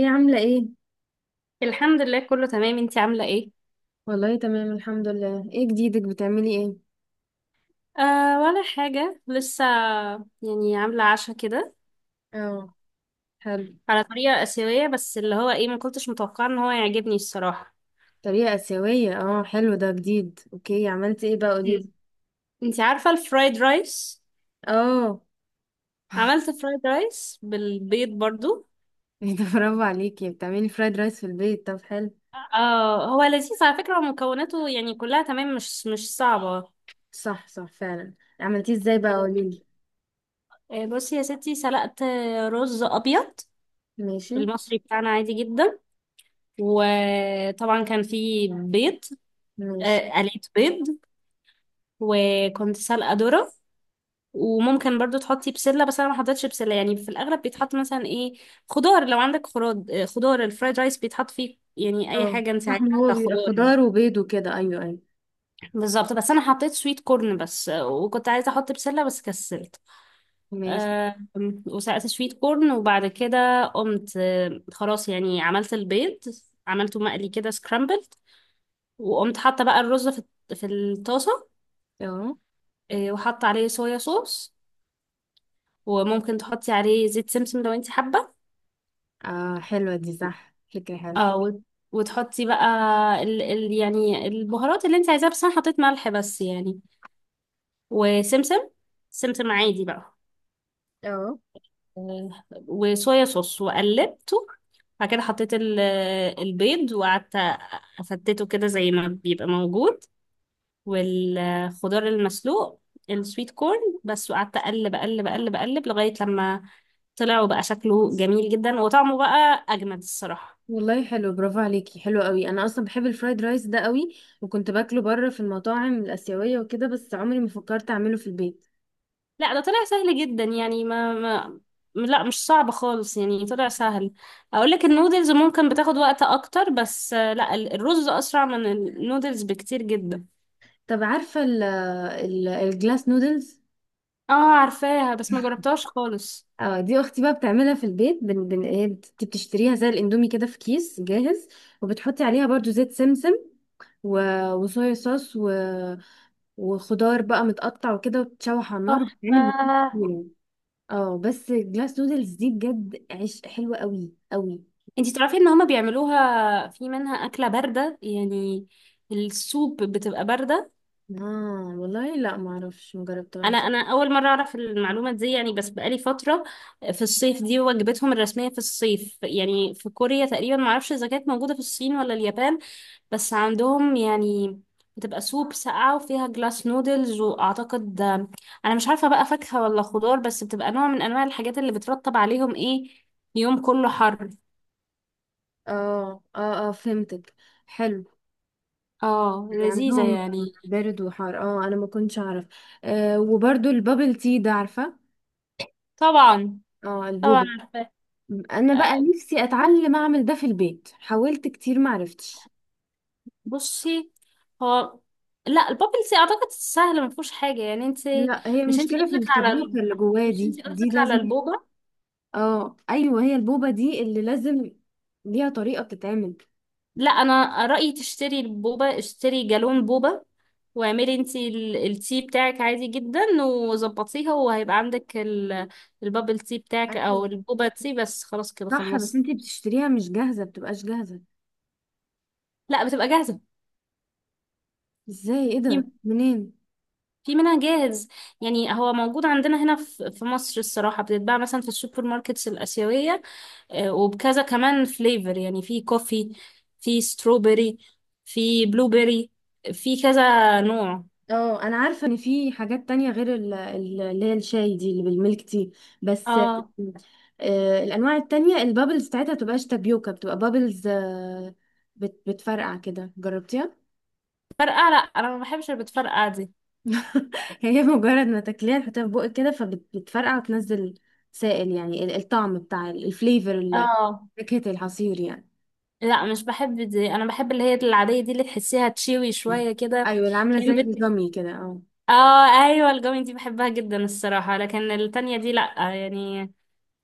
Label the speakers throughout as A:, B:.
A: ايه عاملة ايه؟
B: الحمد لله، كله تمام. انتي عاملة ايه؟
A: والله تمام الحمد لله. ايه جديدك، بتعملي ايه؟
B: آه، ولا حاجة لسه. يعني عاملة عشاء كده
A: اه، حلو.
B: على طريقة آسيوية، بس اللي هو ايه، ما كنتش متوقعة ان هو يعجبني الصراحة.
A: طريقة آسيوية، اه حلو، ده جديد، اوكي. عملتي ايه بقى،
B: مم.
A: قوليلي؟
B: انتي عارفة الفرايد رايس؟
A: اه.
B: عملت فرايد رايس بالبيض برضو.
A: ايه ده، برافو عليكي، بتعملي فرايد رايس في البيت؟ طب حلو.
B: اه، هو لذيذ على فكرة، ومكوناته يعني كلها تمام، مش صعبة.
A: صح صح فعلا. عملتيه ازاي بقى، قوليلي؟
B: بصي يا ستي، سلقت رز أبيض،
A: ماشي.
B: المصري بتاعنا، عادي جدا. وطبعا كان فيه بيض.
A: ماشي.
B: قليت بيض، وكنت سلقة ذرة. وممكن برضو تحطي بسلة، بس انا ما حطيتش بسلة. يعني في الاغلب بيتحط مثلا ايه، خضار. لو عندك خراد خضار، الفرايد رايس بيتحط فيه يعني اي
A: اه
B: حاجة انت
A: صح، ما
B: عايزاها
A: هو بيبقى
B: كخضار يعني.
A: خضار وبيض وكده، ايوه ايوه.
B: بالظبط. بس انا حطيت سويت كورن بس، وكنت عايزة احط بسلة بس كسلت.
A: ماشي.
B: أه. وسلقت سويت كورن، وبعد كده قمت، خلاص، يعني عملت البيض. عملته مقلي كده، سكرامبل. وقمت حاطة بقى الرز في الطاسة.
A: اه
B: وحاطة عليه صويا صوص. وممكن تحطي عليه زيت سمسم لو انت حابة.
A: اه، حلوة دي، صح، فكرة حلوة.
B: اه. وتحطي بقى ال يعني البهارات اللي انت عايزاها، بس انا حطيت ملح بس يعني، وسمسم. سمسم عادي بقى.
A: اه
B: آه، وصويا صوص، وقلبته. بعد كده حطيت البيض، وقعدت افتته كده زي ما بيبقى موجود. والخضار المسلوق، السويت كورن بس. وقعدت اقلب اقلب اقلب اقلب لغاية لما طلع، وبقى شكله جميل جدا، وطعمه بقى اجمد الصراحة.
A: والله حلو، برافو عليكي، حلو قوي. انا اصلا بحب الفرايد رايس ده قوي، وكنت باكله بره في المطاعم الاسيويه وكده، بس عمري ما فكرت اعمله في البيت.
B: لا، ده طلع سهل جدا. يعني ما لا، مش صعب خالص، يعني طلع سهل. اقول لك، النودلز ممكن بتاخد وقت اكتر، بس لا، الرز اسرع من النودلز بكتير جدا.
A: طب عارفه ال الجلاس نودلز؟
B: اه، عارفاها بس ما جربتهاش خالص.
A: اه. دي اختي بقى بتعملها في البيت، بن بن، هي بتشتريها زي الاندومي كده في كيس جاهز، وبتحطي عليها برضو زيت سمسم، و وصويا صوص، و وخضار بقى متقطع وكده، وتتشوح على النار، بتعمل بكل
B: تحفة.
A: كتير. اه بس، جلاس نودلز دي بجد عيش حلوه قوي قوي.
B: انتي تعرفي ان هما بيعملوها في منها اكلة باردة يعني، السوب بتبقى باردة.
A: اه والله، لا، ما اعرفش،
B: انا
A: مجربتهاش.
B: انا اول مره اعرف المعلومه دي يعني، بس بقالي فتره. في الصيف دي وجبتهم الرسميه في الصيف، يعني في كوريا تقريبا. ما اعرفش اذا كانت موجوده في الصين ولا اليابان، بس عندهم يعني. بتبقى سوب ساقعه وفيها جلاس نودلز، واعتقد انا مش عارفه بقى فاكهه ولا خضار، بس بتبقى نوع من انواع الحاجات اللي بترطب عليهم ايه، يوم كله حر.
A: اه اه اه، فهمتك. حلو.
B: اه،
A: يعني
B: لذيذه
A: عندهم
B: يعني.
A: بارد وحار، اه انا ما كنتش اعرف. وبرضو البابل تي ده، عارفه؟
B: طبعا.
A: اه،
B: طبعا
A: البوبو.
B: عارفه.
A: انا بقى نفسي اتعلم اعمل ده في البيت، حاولت كتير ما عرفتش.
B: بصي، هو، لا، البابلز اعتقد سهل ما فيهوش حاجه يعني انت.
A: لا، هي
B: مش انت
A: المشكله في
B: قصدك على ال...
A: الكبيوتر اللي جواه،
B: مش
A: دي
B: انت
A: دي
B: قصدك على
A: لازم.
B: البوبا؟
A: اه ايوه، هي البوبه دي اللي لازم ليها طريقه بتتعمل.
B: لا، انا رايي تشتري البوبا، اشتري جالون بوبا واعملي انت التي بتاعك عادي جدا وظبطيها، وهيبقى عندك البابل تي بتاعك او
A: أيوة.
B: البوبا تي، بس خلاص كده
A: صح بس،
B: خلصت.
A: انتي بتشتريها مش جاهزه، بتبقاش جاهزه؟
B: لا، بتبقى جاهزه.
A: ازاي؟ ايه
B: في
A: ده؟ منين؟
B: منها جاهز. يعني هو موجود عندنا هنا في مصر الصراحه، بتتباع مثلا في السوبر ماركتس الاسيويه. وبكذا كمان فليفر، يعني في كوفي، في ستروبري، في بلوبري، في كذا نوع.
A: اه انا عارفه ان في حاجات تانية غير اللي هي الشاي دي، اللي بالميلك تي بس.
B: اه،
A: الانواع التانية البابلز بتاعتها بتبقاش تابيوكا، بتبقى بابلز، بتفرقع كده، جربتيها؟
B: فرقعة. لا، انا ما بحبش اللي بتفرقع دي.
A: هي مجرد ما تاكليها، تحطيها في بقك كده فبتفرقع وتنزل سائل، يعني الطعم بتاع الفليفر،
B: اه،
A: فاكهة العصير يعني.
B: لا، مش بحب دي. انا بحب اللي هي العادية دي، اللي تحسيها تشيوي شوية كده.
A: ايوه، اللي عامله زي
B: كان بت...
A: الجامي كده، اه.
B: اه، ايوه، الجوين دي بحبها جدا الصراحة، لكن التانية دي لا يعني.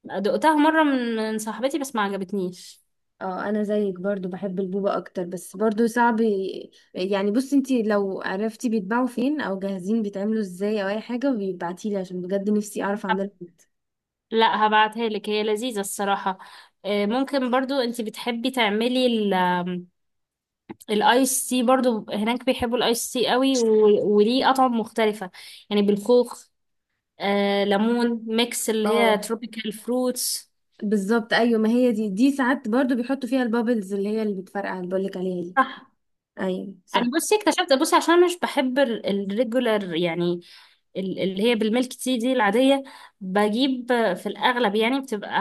B: دقتها مرة من صاحبتي، بس ما عجبتنيش.
A: اه، انا زيك برضو بحب البوبة اكتر، بس برضو صعب يعني. بصي انتي لو عرفتي بيتباعوا فين، او جاهزين بيتعملوا ازاي، او اي حاجة بيبعتيلي، عشان بجد نفسي اعرف اعملها.
B: لا، هبعتها لك، هي لذيذة الصراحة. ممكن برضو انت بتحبي تعملي ال- آم، الايس تي برضو، هناك بيحبوا الايس تي قوي، وليه اطعم مختلفة، يعني بالخوخ، ليمون ميكس، اللي هي
A: اه
B: تروبيكال فروتس.
A: بالظبط، ايوه، ما هي دي ساعات برضو بيحطوا فيها البابلز، اللي هي اللي بتفرقع، اللي بقولك عليها دي.
B: صح.
A: ايوه
B: انا
A: صح.
B: بصي اكتشفت، بصي عشان أنا مش بحب الريجولر يعني، اللي هي بالميلك تي دي العادية، بجيب في الأغلب يعني، بتبقى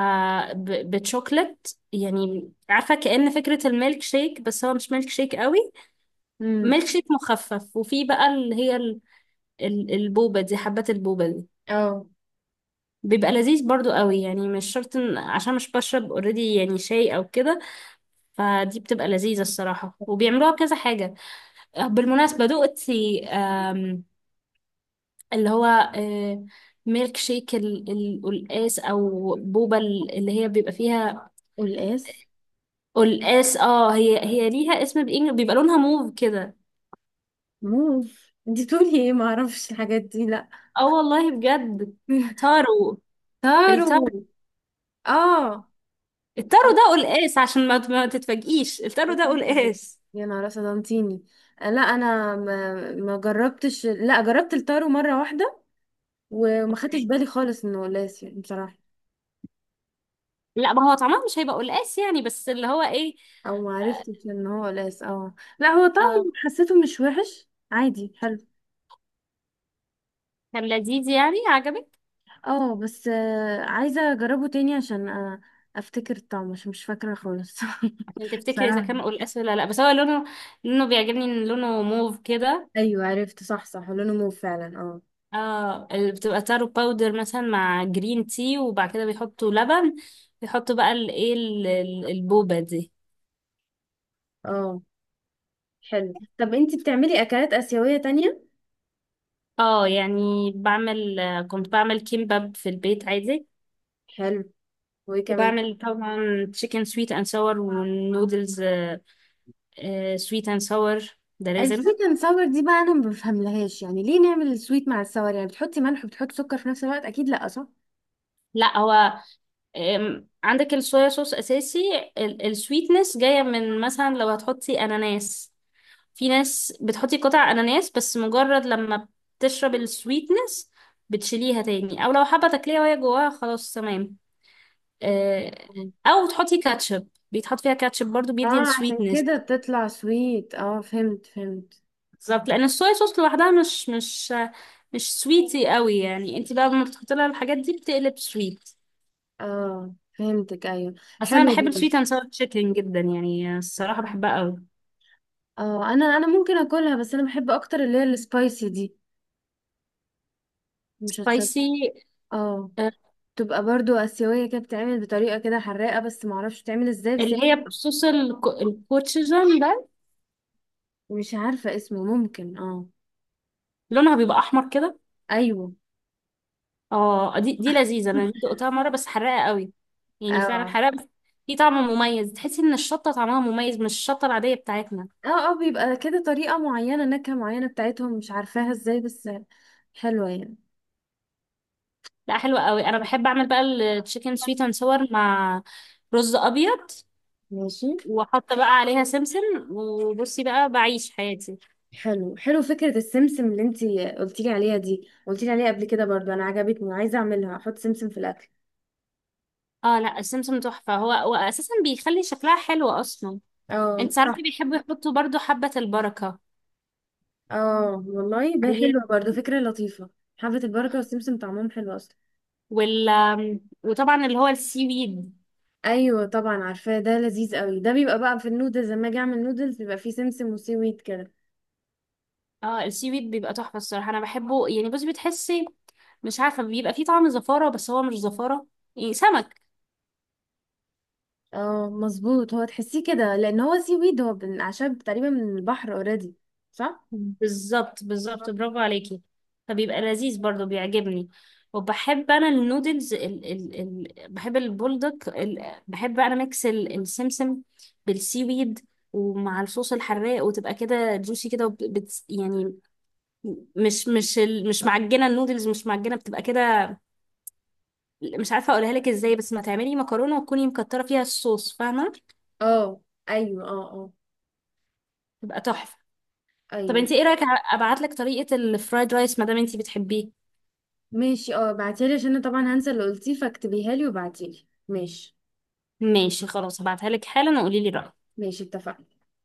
B: بتشوكلت، يعني عارفة كأن فكرة الميلك شيك، بس هو مش ميلك شيك قوي،
A: امم.
B: ميلك شيك مخفف. وفي بقى اللي هي البوبة دي، حبات البوبة دي،
A: اه،
B: بيبقى لذيذ برضو قوي، يعني مش شرط عشان مش بشرب اوريدي يعني شاي او كده، فدي بتبقى لذيذة الصراحة، وبيعملوها بكذا حاجة. بالمناسبة، دقتي اللي هو ميلك شيك القلقاس، او بوبة اللي هي بيبقى فيها
A: والقاس.
B: قلقاس؟ اه، هي ليها اسم بإنجلش، بيبقى لونها موف كده.
A: موف؟ انتي بتقولي ايه؟ ما اعرفش الحاجات دي، لا.
B: اه والله بجد. تارو.
A: تارو.
B: التارو.
A: اه. اه
B: التارو ده قلقاس، عشان ما تتفاجئيش، التارو ده قلقاس.
A: يا نهار اسود انتيني. لا انا ما جربتش. لا، جربت التارو مره واحده، وما خدتش
B: اوكي.
A: بالي خالص انه قلاس يعني بصراحه.
B: لا، ما هو طعمها مش هيبقى قلقاس يعني، بس اللي هو ايه.
A: او ما
B: آه.
A: عرفتش ان هو قلاس. اه، لا هو
B: آه،
A: طعمه حسيته مش وحش، عادي، حلو.
B: كان لذيذ يعني، عجبك
A: اه بس، عايزه اجربه تاني عشان افتكر الطعم، عشان مش فاكره خالص.
B: عشان تفتكري اذا
A: بصراحه.
B: كان قلقاس ولا لا. بس هو لونه، لونه بيعجبني، ان لونه موف كده.
A: ايوه عرفت، صح صح، لونه مو فعلا، اه.
B: اه، بتبقى تارو باودر مثلا مع جرين تي، وبعد كده بيحطوا لبن، بيحطوا بقى الايه البوبة دي.
A: اه حلو. طب انتي بتعملي اكلات اسيويه تانية؟
B: اه، يعني بعمل، كنت بعمل كيمباب في البيت عادي.
A: حلو. وايه كمان؟
B: وبعمل طبعا تشيكن سويت اند ساور والنودلز. سويت اند ساور ده لازم.
A: السويت ساور دي بقى انا ما بفهملهاش، يعني ليه نعمل السويت مع الساور؟ يعني بتحطي ملح وبتحطي سكر في نفس الوقت؟ اكيد لا، صح؟
B: لا، هو عندك الصويا صوص اساسي، السويتنس جايه من مثلا لو هتحطي اناناس، في ناس بتحطي قطع اناناس، بس مجرد لما بتشرب السويتنس بتشيليها تاني، او لو حابه تاكليها وهي جواها خلاص تمام. آه،
A: مم.
B: او تحطي كاتشب، بيتحط فيها كاتشب برضو بيدي
A: اه عشان
B: السويتنس.
A: كده تطلع سويت، اه فهمت فهمت.
B: بالظبط. لان الصويا صوص لوحدها مش مش سويتي قوي، يعني انت بقى لما بتحطي لها الحاجات دي بتقلب سويت.
A: اه فهمتك، ايوه.
B: بس انا
A: حلو
B: بحب
A: جدا.
B: السويت اند ساور تشيكن جدا يعني الصراحه، بحبها قوي.
A: اه، انا ممكن اكلها، بس انا بحب اكتر اللي هي السبايسي دي، مش هتشط.
B: سبايسي.
A: اه.
B: آه،
A: تبقى برضو اسيويه كده، بتتعمل بطريقه كده حراقه، بس ما اعرفش بتتعمل ازاي بس.
B: اللي هي بصوص الكوتشيجن ده،
A: مش عارفه اسمه، ممكن، اه.
B: لونها بيبقى احمر كده.
A: ايوه.
B: اه، دي لذيذه، انا دقتها مره بس حراقه قوي، يعني فعلا
A: اه
B: حراقه بس. دي طعم مميز، تحسي ان الشطه طعمها مميز، مش الشطه العاديه بتاعتنا.
A: اه اه، بيبقى كده طريقة معينة، نكهة معينة بتاعتهم، مش عارفاها ازاي، بس حلوة يعني.
B: لا، حلوه قوي. انا بحب اعمل بقى التشيكن سويت اند ساور مع رز ابيض،
A: ماشي.
B: واحط بقى عليها سمسم، وبصي بقى بعيش حياتي.
A: حلو حلو، فكرة السمسم اللي انتي قلتيلي عليها دي، قلتيلي عليها قبل كده برضو، انا عجبتني، عايزة اعملها، احط سمسم في الاكل.
B: اه، لا، السمسم تحفة، هو واساسا بيخلي شكلها حلو اصلا.
A: اه
B: انت
A: صح.
B: عارفة بيحبوا يحطوا برضو حبة البركة،
A: اه والله بقى
B: اللي هي،
A: حلوة، برضو فكرة لطيفة. حبة البركة والسمسم طعمهم حلو اصلا.
B: وال وطبعا اللي هو السي ويد.
A: ايوه طبعا عارفاه، ده لذيذ قوي. ده بيبقى بقى في النودلز، لما اجي اعمل نودلز بيبقى فيه سمسم وسي ويت كده.
B: اه، السي ويد بيبقى تحفة الصراحة، انا بحبه. يعني بصي بتحسي مش عارفة، بيبقى فيه طعم زفارة، بس هو مش زفارة يعني سمك.
A: اه مظبوط، هو تحسيه كده لان هو سي ويد، هو من اعشاب تقريبا من البحر اوريدي. صح.
B: بالظبط، بالظبط، برافو عليكي. فبيبقى لذيذ برضو، بيعجبني. وبحب انا النودلز ال ال ال بحب البولدك ال بحب انا ميكس السمسم بالسي ويد، ومع الصوص الحراق، وتبقى كده جوسي كده، وب- بت يعني مش معجنه. النودلز مش معجنه، بتبقى كده مش عارفه اقولها لك ازاي، بس ما تعملي مكرونه وتكوني مكتره فيها الصوص، فاهمه؟
A: اه ايوه، اه اه،
B: تبقى تحفه. طب
A: ايوه.
B: انت ايه رايك؟ ابعت لك طريقه الفرايد رايس ما دام انت بتحبيه؟
A: ماشي. اه بعتيلي، عشان انا طبعا هنسى اللي قلتيه، فاكتبيها لي وبعتيلي، ماشي؟
B: ماشي خلاص، هبعتها لك حالا، وقولي لي رأيك.
A: ماشي، اتفقنا.